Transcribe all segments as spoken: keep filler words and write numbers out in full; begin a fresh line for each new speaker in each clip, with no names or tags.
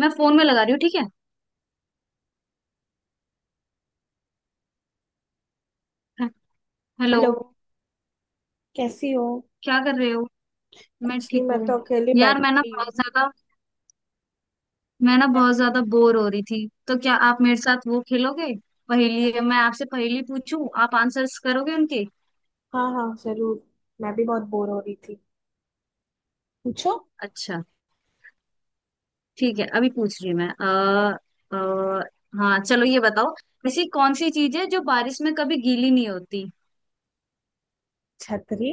मैं फोन में लगा रही हूँ। ठीक है। हे- हेलो।
हेलो। कैसी हो।
क्या कर रहे हो? मैं
कुछ नहीं,
ठीक
मैं
हूँ।
तो अकेली
यार मैं ना
बैठी हुई हूँ।
बहुत ज्यादा मैं ना
मैं?
बहुत ज्यादा बोर हो रही थी, तो क्या आप मेरे साथ वो खेलोगे? पहेली? मैं आपसे पहेली पूछूं आप आंसर्स करोगे उनके?
हाँ हाँ जरूर। मैं भी बहुत बोर हो रही थी। पूछो।
अच्छा, ठीक है, अभी पूछ रही हूँ मैं। आ, आ, हाँ चलो, ये बताओ, ऐसी कौन सी चीज है जो बारिश में कभी गीली नहीं होती?
छतरी।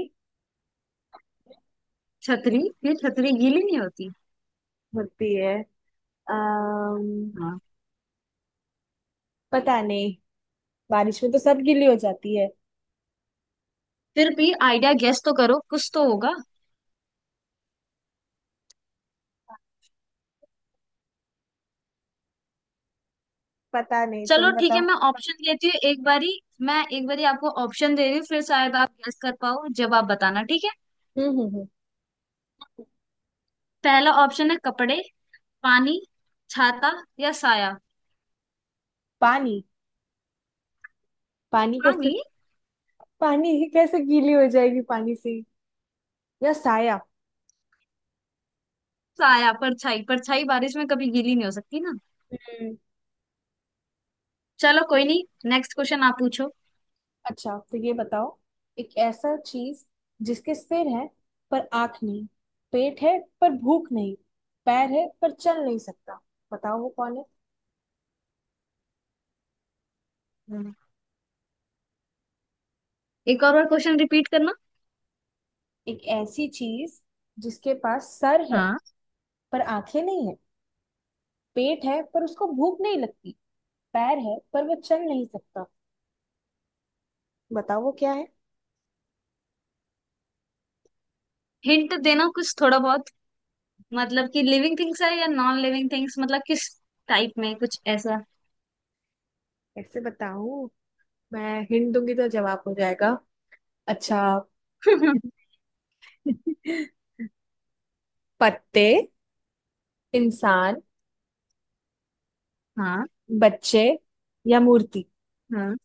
छतरी? ये छतरी गीली नहीं होती।
होती है। अम्म
हाँ।
पता नहीं, बारिश में तो सब गीली हो जाती है।
फिर भी आइडिया गेस तो करो, कुछ तो होगा।
पता नहीं,
चलो
तुम
ठीक है,
बताओ।
मैं ऑप्शन देती हूँ एक बारी। मैं एक बारी आपको ऑप्शन दे रही हूँ, फिर शायद आप गेस कर पाओ। जवाब बताना, ठीक है।
हम्म हम्म हम्म।
पहला ऑप्शन है कपड़े, पानी, छाता, या साया।
पानी। पानी कैसे?
पानी?
पानी कैसे गीली हो जाएगी पानी से? या साया?
साया, परछाई। परछाई बारिश में कभी गीली नहीं हो सकती ना। चलो कोई नहीं, नेक्स्ट क्वेश्चन आप पूछो।
अच्छा, तो ये बताओ, एक ऐसा चीज, जिसके सिर है पर आंख नहीं, पेट है पर भूख नहीं, पैर है पर चल नहीं सकता, बताओ वो कौन है।
हम्म। एक और बार क्वेश्चन रिपीट करना।
एक ऐसी चीज, जिसके पास सर है,
हाँ।
पर आंखें नहीं है, पेट है पर उसको भूख नहीं लगती, पैर है पर वो चल नहीं सकता, बताओ वो क्या है।
हिंट देना कुछ थोड़ा बहुत। मतलब कि लिविंग थिंग्स है या नॉन लिविंग थिंग्स, मतलब किस टाइप में, कुछ ऐसा।
ऐसे बताऊं? मैं हिंट दूंगी तो जवाब हो जाएगा। अच्छा। पत्ते, इंसान,
हाँ।
बच्चे या मूर्ति।
हाँ,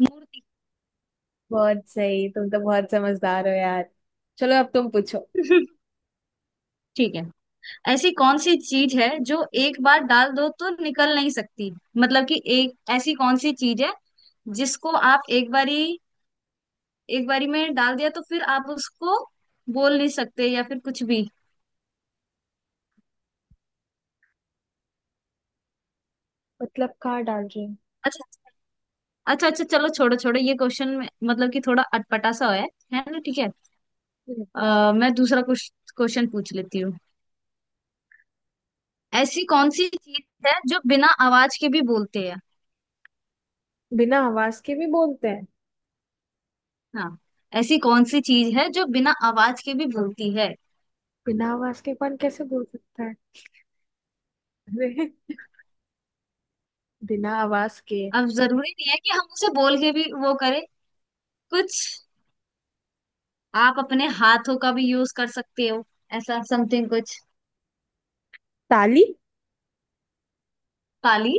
मूर्ति।
बहुत सही, तुम तो बहुत समझदार हो यार। चलो अब तुम पूछो।
ठीक है। ऐसी कौन सी चीज है जो एक बार डाल दो तो निकल नहीं सकती? मतलब कि एक ऐसी कौन सी चीज है जिसको आप एक बारी, एक बारी में डाल दिया तो फिर आप उसको बोल नहीं सकते या फिर कुछ भी।
मतलब कहाँ डाल रही हूँ?
अच्छा। अच्छा अच्छा, चलो छोड़ो छोड़ो, ये क्वेश्चन में मतलब कि थोड़ा अटपटा सा है है ना? ठीक है।
हम्म।
अ, मैं दूसरा क्वेश्चन पूछ लेती हूँ। ऐसी कौन सी चीज है जो बिना आवाज के भी बोलते हैं?
बिना आवाज के भी बोलते हैं?
हाँ, ऐसी कौन सी चीज है जो बिना आवाज के भी बोलती है?
बिना आवाज के कौन कैसे बोल सकता है? अरे, बिना आवाज के।
अब जरूरी नहीं है कि हम उसे बोल के भी वो करें कुछ। आप अपने हाथों का भी यूज कर सकते हो, ऐसा समथिंग कुछ।
ताली।
ताली?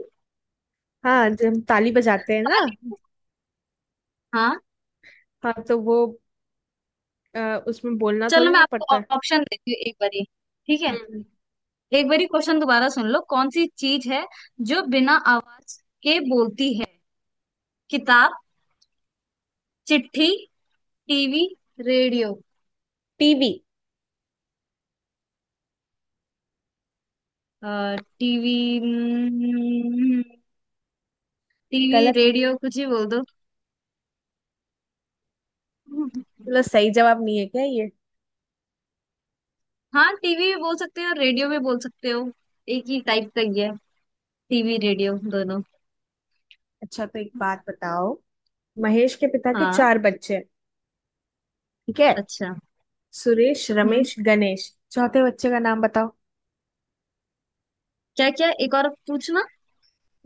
हाँ, जब हम ताली बजाते हैं ना।
ताली, हाँ।
हाँ तो वो, अ, उसमें बोलना
चलो
थोड़ी
मैं
ना
आपको
पड़ता है।
ऑप्शन देती हूँ एक बारी। ठीक है।
हम्म।
एक बारी क्वेश्चन दोबारा सुन लो, कौन सी चीज है जो बिना आवाज के बोलती है? किताब, चिट्ठी, टीवी, रेडियो।
टीवी।
टीवी? हम्म, टीवी
गलत है?
रेडियो कुछ ही बोल दो।
चलो सही जवाब नहीं है क्या ये।
हाँ, टीवी भी बोल सकते हो, रेडियो भी बोल सकते हो। एक ही टाइप का ही है टीवी
हम्म।
रेडियो दोनों।
अच्छा तो एक बात बताओ, महेश के पिता के
हाँ।
चार बच्चे हैं, ठीक है,
अच्छा।
सुरेश
हम्म।
रमेश गणेश, चौथे बच्चे का नाम बताओ।
क्या क्या, एक और पूछना?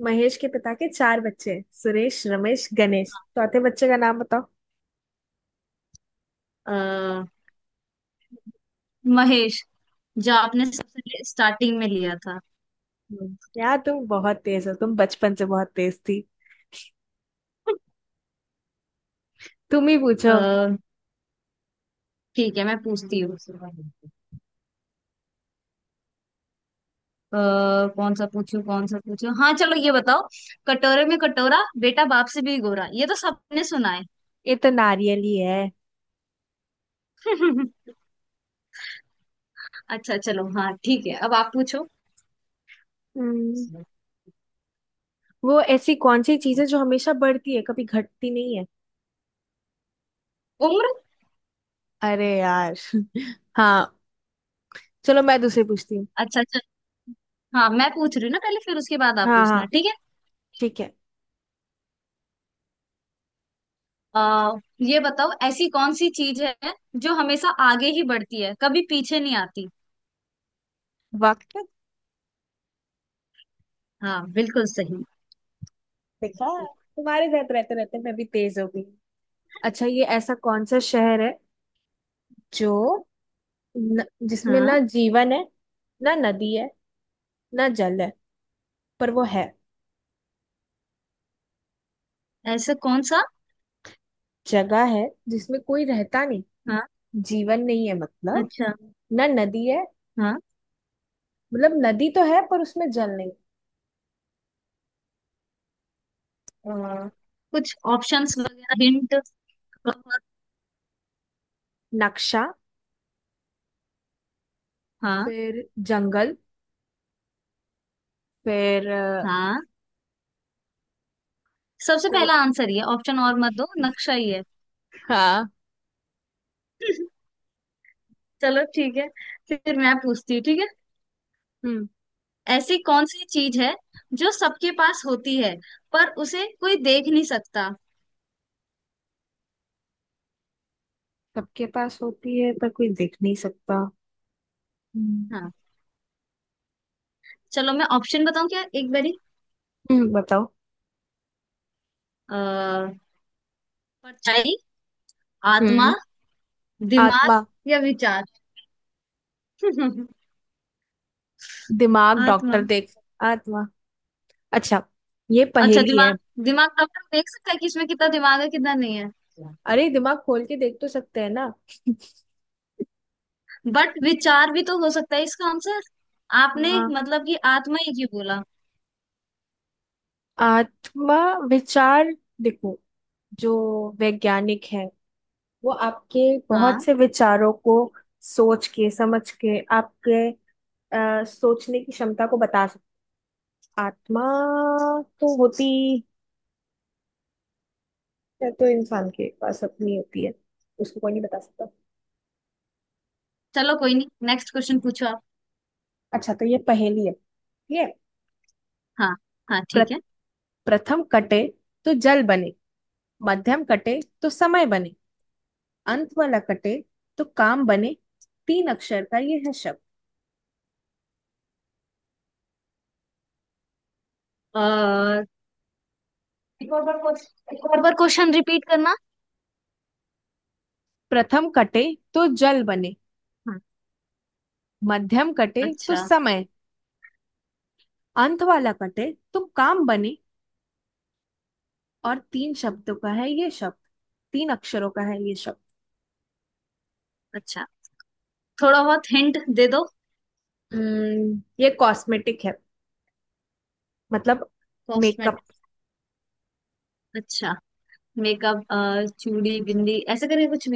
महेश के पिता के चार बच्चे हैं, सुरेश रमेश गणेश, चौथे बच्चे का नाम बताओ।
अ, महेश। जो आपने सबसे स्टार्टिंग में लिया था।
हम्म, यार तुम बहुत तेज हो, तुम बचपन से बहुत तेज थी। तुम ही पूछो।
अ, ठीक है, मैं पूछती हूँ। अ, कौन सा पूछूं कौन सा पूछूं हाँ चलो ये बताओ। कटोरे में कटोरा, बेटा बाप से भी गोरा। ये तो सबने सुना है।
ये तो नारियल ही है।
अच्छा, चलो हाँ ठीक है, अब आप पूछो।
हम्म, वो ऐसी कौन सी चीज है जो हमेशा बढ़ती है कभी घटती नहीं है।
उम्र।
अरे यार हाँ, चलो मैं दूसरी पूछती हूँ।
अच्छा अच्छा। हाँ मैं पूछ रही हूँ ना पहले, फिर उसके बाद आप
हाँ हाँ,
पूछना, ठीक है?
ठीक है।
आ, ये बताओ, ऐसी कौन सी चीज है जो हमेशा आगे ही बढ़ती है, कभी पीछे नहीं आती?
वक्त।
हाँ, बिल्कुल सही।
देखा, तुम्हारे साथ रहते रहते मैं भी तेज हो गई। अच्छा, ये ऐसा कौन सा शहर है जो, न, जिसमें ना
हाँ।
जीवन है, ना नदी है, ना जल है, पर वो है।
ऐसा कौन सा?
जगह है जिसमें कोई रहता नहीं।
हाँ।
जीवन नहीं है मतलब।
अच्छा।
ना नदी है।
हाँ।
मतलब नदी तो है पर उसमें जल नहीं।
आ, कुछ ऑप्शंस वगैरह, हिंट?
नक्शा।
हाँ।
फिर जंगल, फिर अ,
हाँ, सबसे
को।
पहला आंसर ये, ऑप्शन और मत दो, नक्शा ही है।
हाँ।
चलो ठीक है, फिर मैं पूछती हूँ, ठीक है।
हम्म।
ऐसी कौन सी चीज है जो सबके पास होती है पर उसे कोई देख नहीं सकता?
सबके पास होती है पर कोई देख नहीं सकता। हम्म।
हाँ। चलो मैं ऑप्शन बताऊं क्या एक
हम्म, बताओ।
बारी? परछाई, आत्मा,
हम्म।
दिमाग,
आत्मा।
या विचार?
दिमाग
आत्मा?
डॉक्टर देख। आत्मा। अच्छा, ये
अच्छा,
पहेली है।
दिमाग। दिमाग डॉक्टर देख सकता है कि इसमें कितना दिमाग है कितना नहीं है।
अरे, दिमाग खोल के देख तो सकते हैं ना।
बट विचार भी तो हो सकता है इसका आंसर। आपने
हाँ।
मतलब कि आत्मा ही क्यों बोला?
आत्मा, विचार। देखो, जो वैज्ञानिक है वो आपके बहुत
हाँ।
से विचारों को सोच के समझ के आपके अ, सोचने की क्षमता को बता सकते। आत्मा तो होती है, तो इंसान के पास अपनी होती है, उसको कोई नहीं बता सकता।
चलो कोई नहीं, नेक्स्ट क्वेश्चन पूछो आप।
अच्छा, तो ये पहेली है, ठीक है।
हाँ। हाँ,
प्र-
ठीक है।
प्रथम कटे तो जल बने, मध्यम कटे तो समय बने, अंत वाला कटे तो काम बने। तीन अक्षर का ये है शब्द।
और एक और बार क्वेश्चन, एक और बार क्वेश्चन रिपीट करना।
प्रथम कटे तो जल बने,
हाँ।
मध्यम कटे तो
अच्छा।
समय, अंत वाला कटे तुम काम बने। और तीन शब्दों का है ये शब्द, तीन अक्षरों का है ये शब्द।
अच्छा, थोड़ा बहुत हिंट दे दो।
हम्म, ये कॉस्मेटिक है मतलब, मेकअप।
कॉस्मेटिक? अच्छा, मेकअप। चूड़ी बिंदी ऐसे करके कुछ?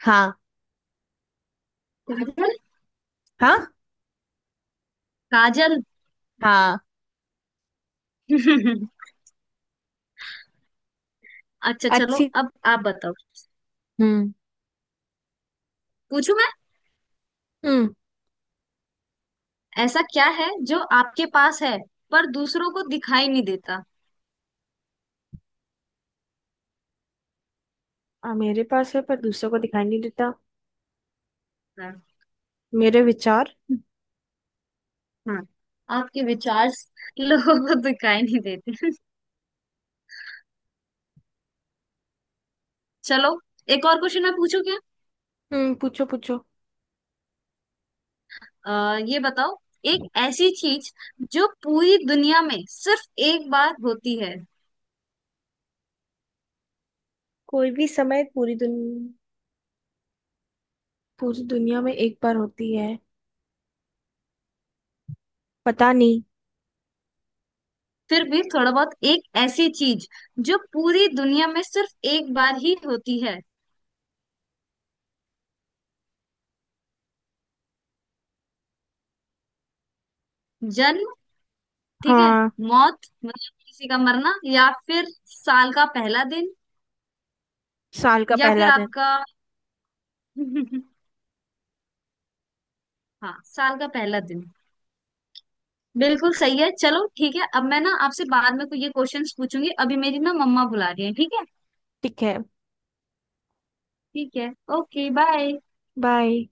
हाँ।
नहीं?
हाँ।
काजल।
हाँ।
अच्छा चलो,
अच्छी।
अब आप बताओ।
हम्म।
पूछू मैं?
हम्म।
ऐसा क्या है जो आपके पास है पर दूसरों को दिखाई नहीं देता?
आ, मेरे पास है पर दूसरों को दिखाई नहीं देता?
है?
मेरे विचार।
हाँ, आपके विचार। लोगों को दिखाई नहीं देते। चलो, एक और क्वेश्चन मैं पूछू क्या?
हम्म, पूछो पूछो।
आ, ये बताओ, एक ऐसी चीज जो पूरी दुनिया में सिर्फ एक बार होती है।
कोई भी समय? पूरी दुनिया, पूरी दुनिया में एक बार होती है? पता नहीं।
फिर भी थोड़ा बहुत, एक ऐसी चीज जो पूरी दुनिया में सिर्फ एक बार ही होती है। जन्म? ठीक है।
हाँ,
मौत, मतलब किसी का मरना, या फिर साल का पहला दिन,
साल का
या फिर
पहला दिन।
आपका। हाँ, साल का पहला दिन, बिल्कुल सही है। चलो ठीक है, अब मैं ना आपसे बाद में कोई ये क्वेश्चंस पूछूंगी, अभी मेरी ना मम्मा बुला रही है, ठीक है?
ठीक है।
ठीक है, ओके बाय।
बाय।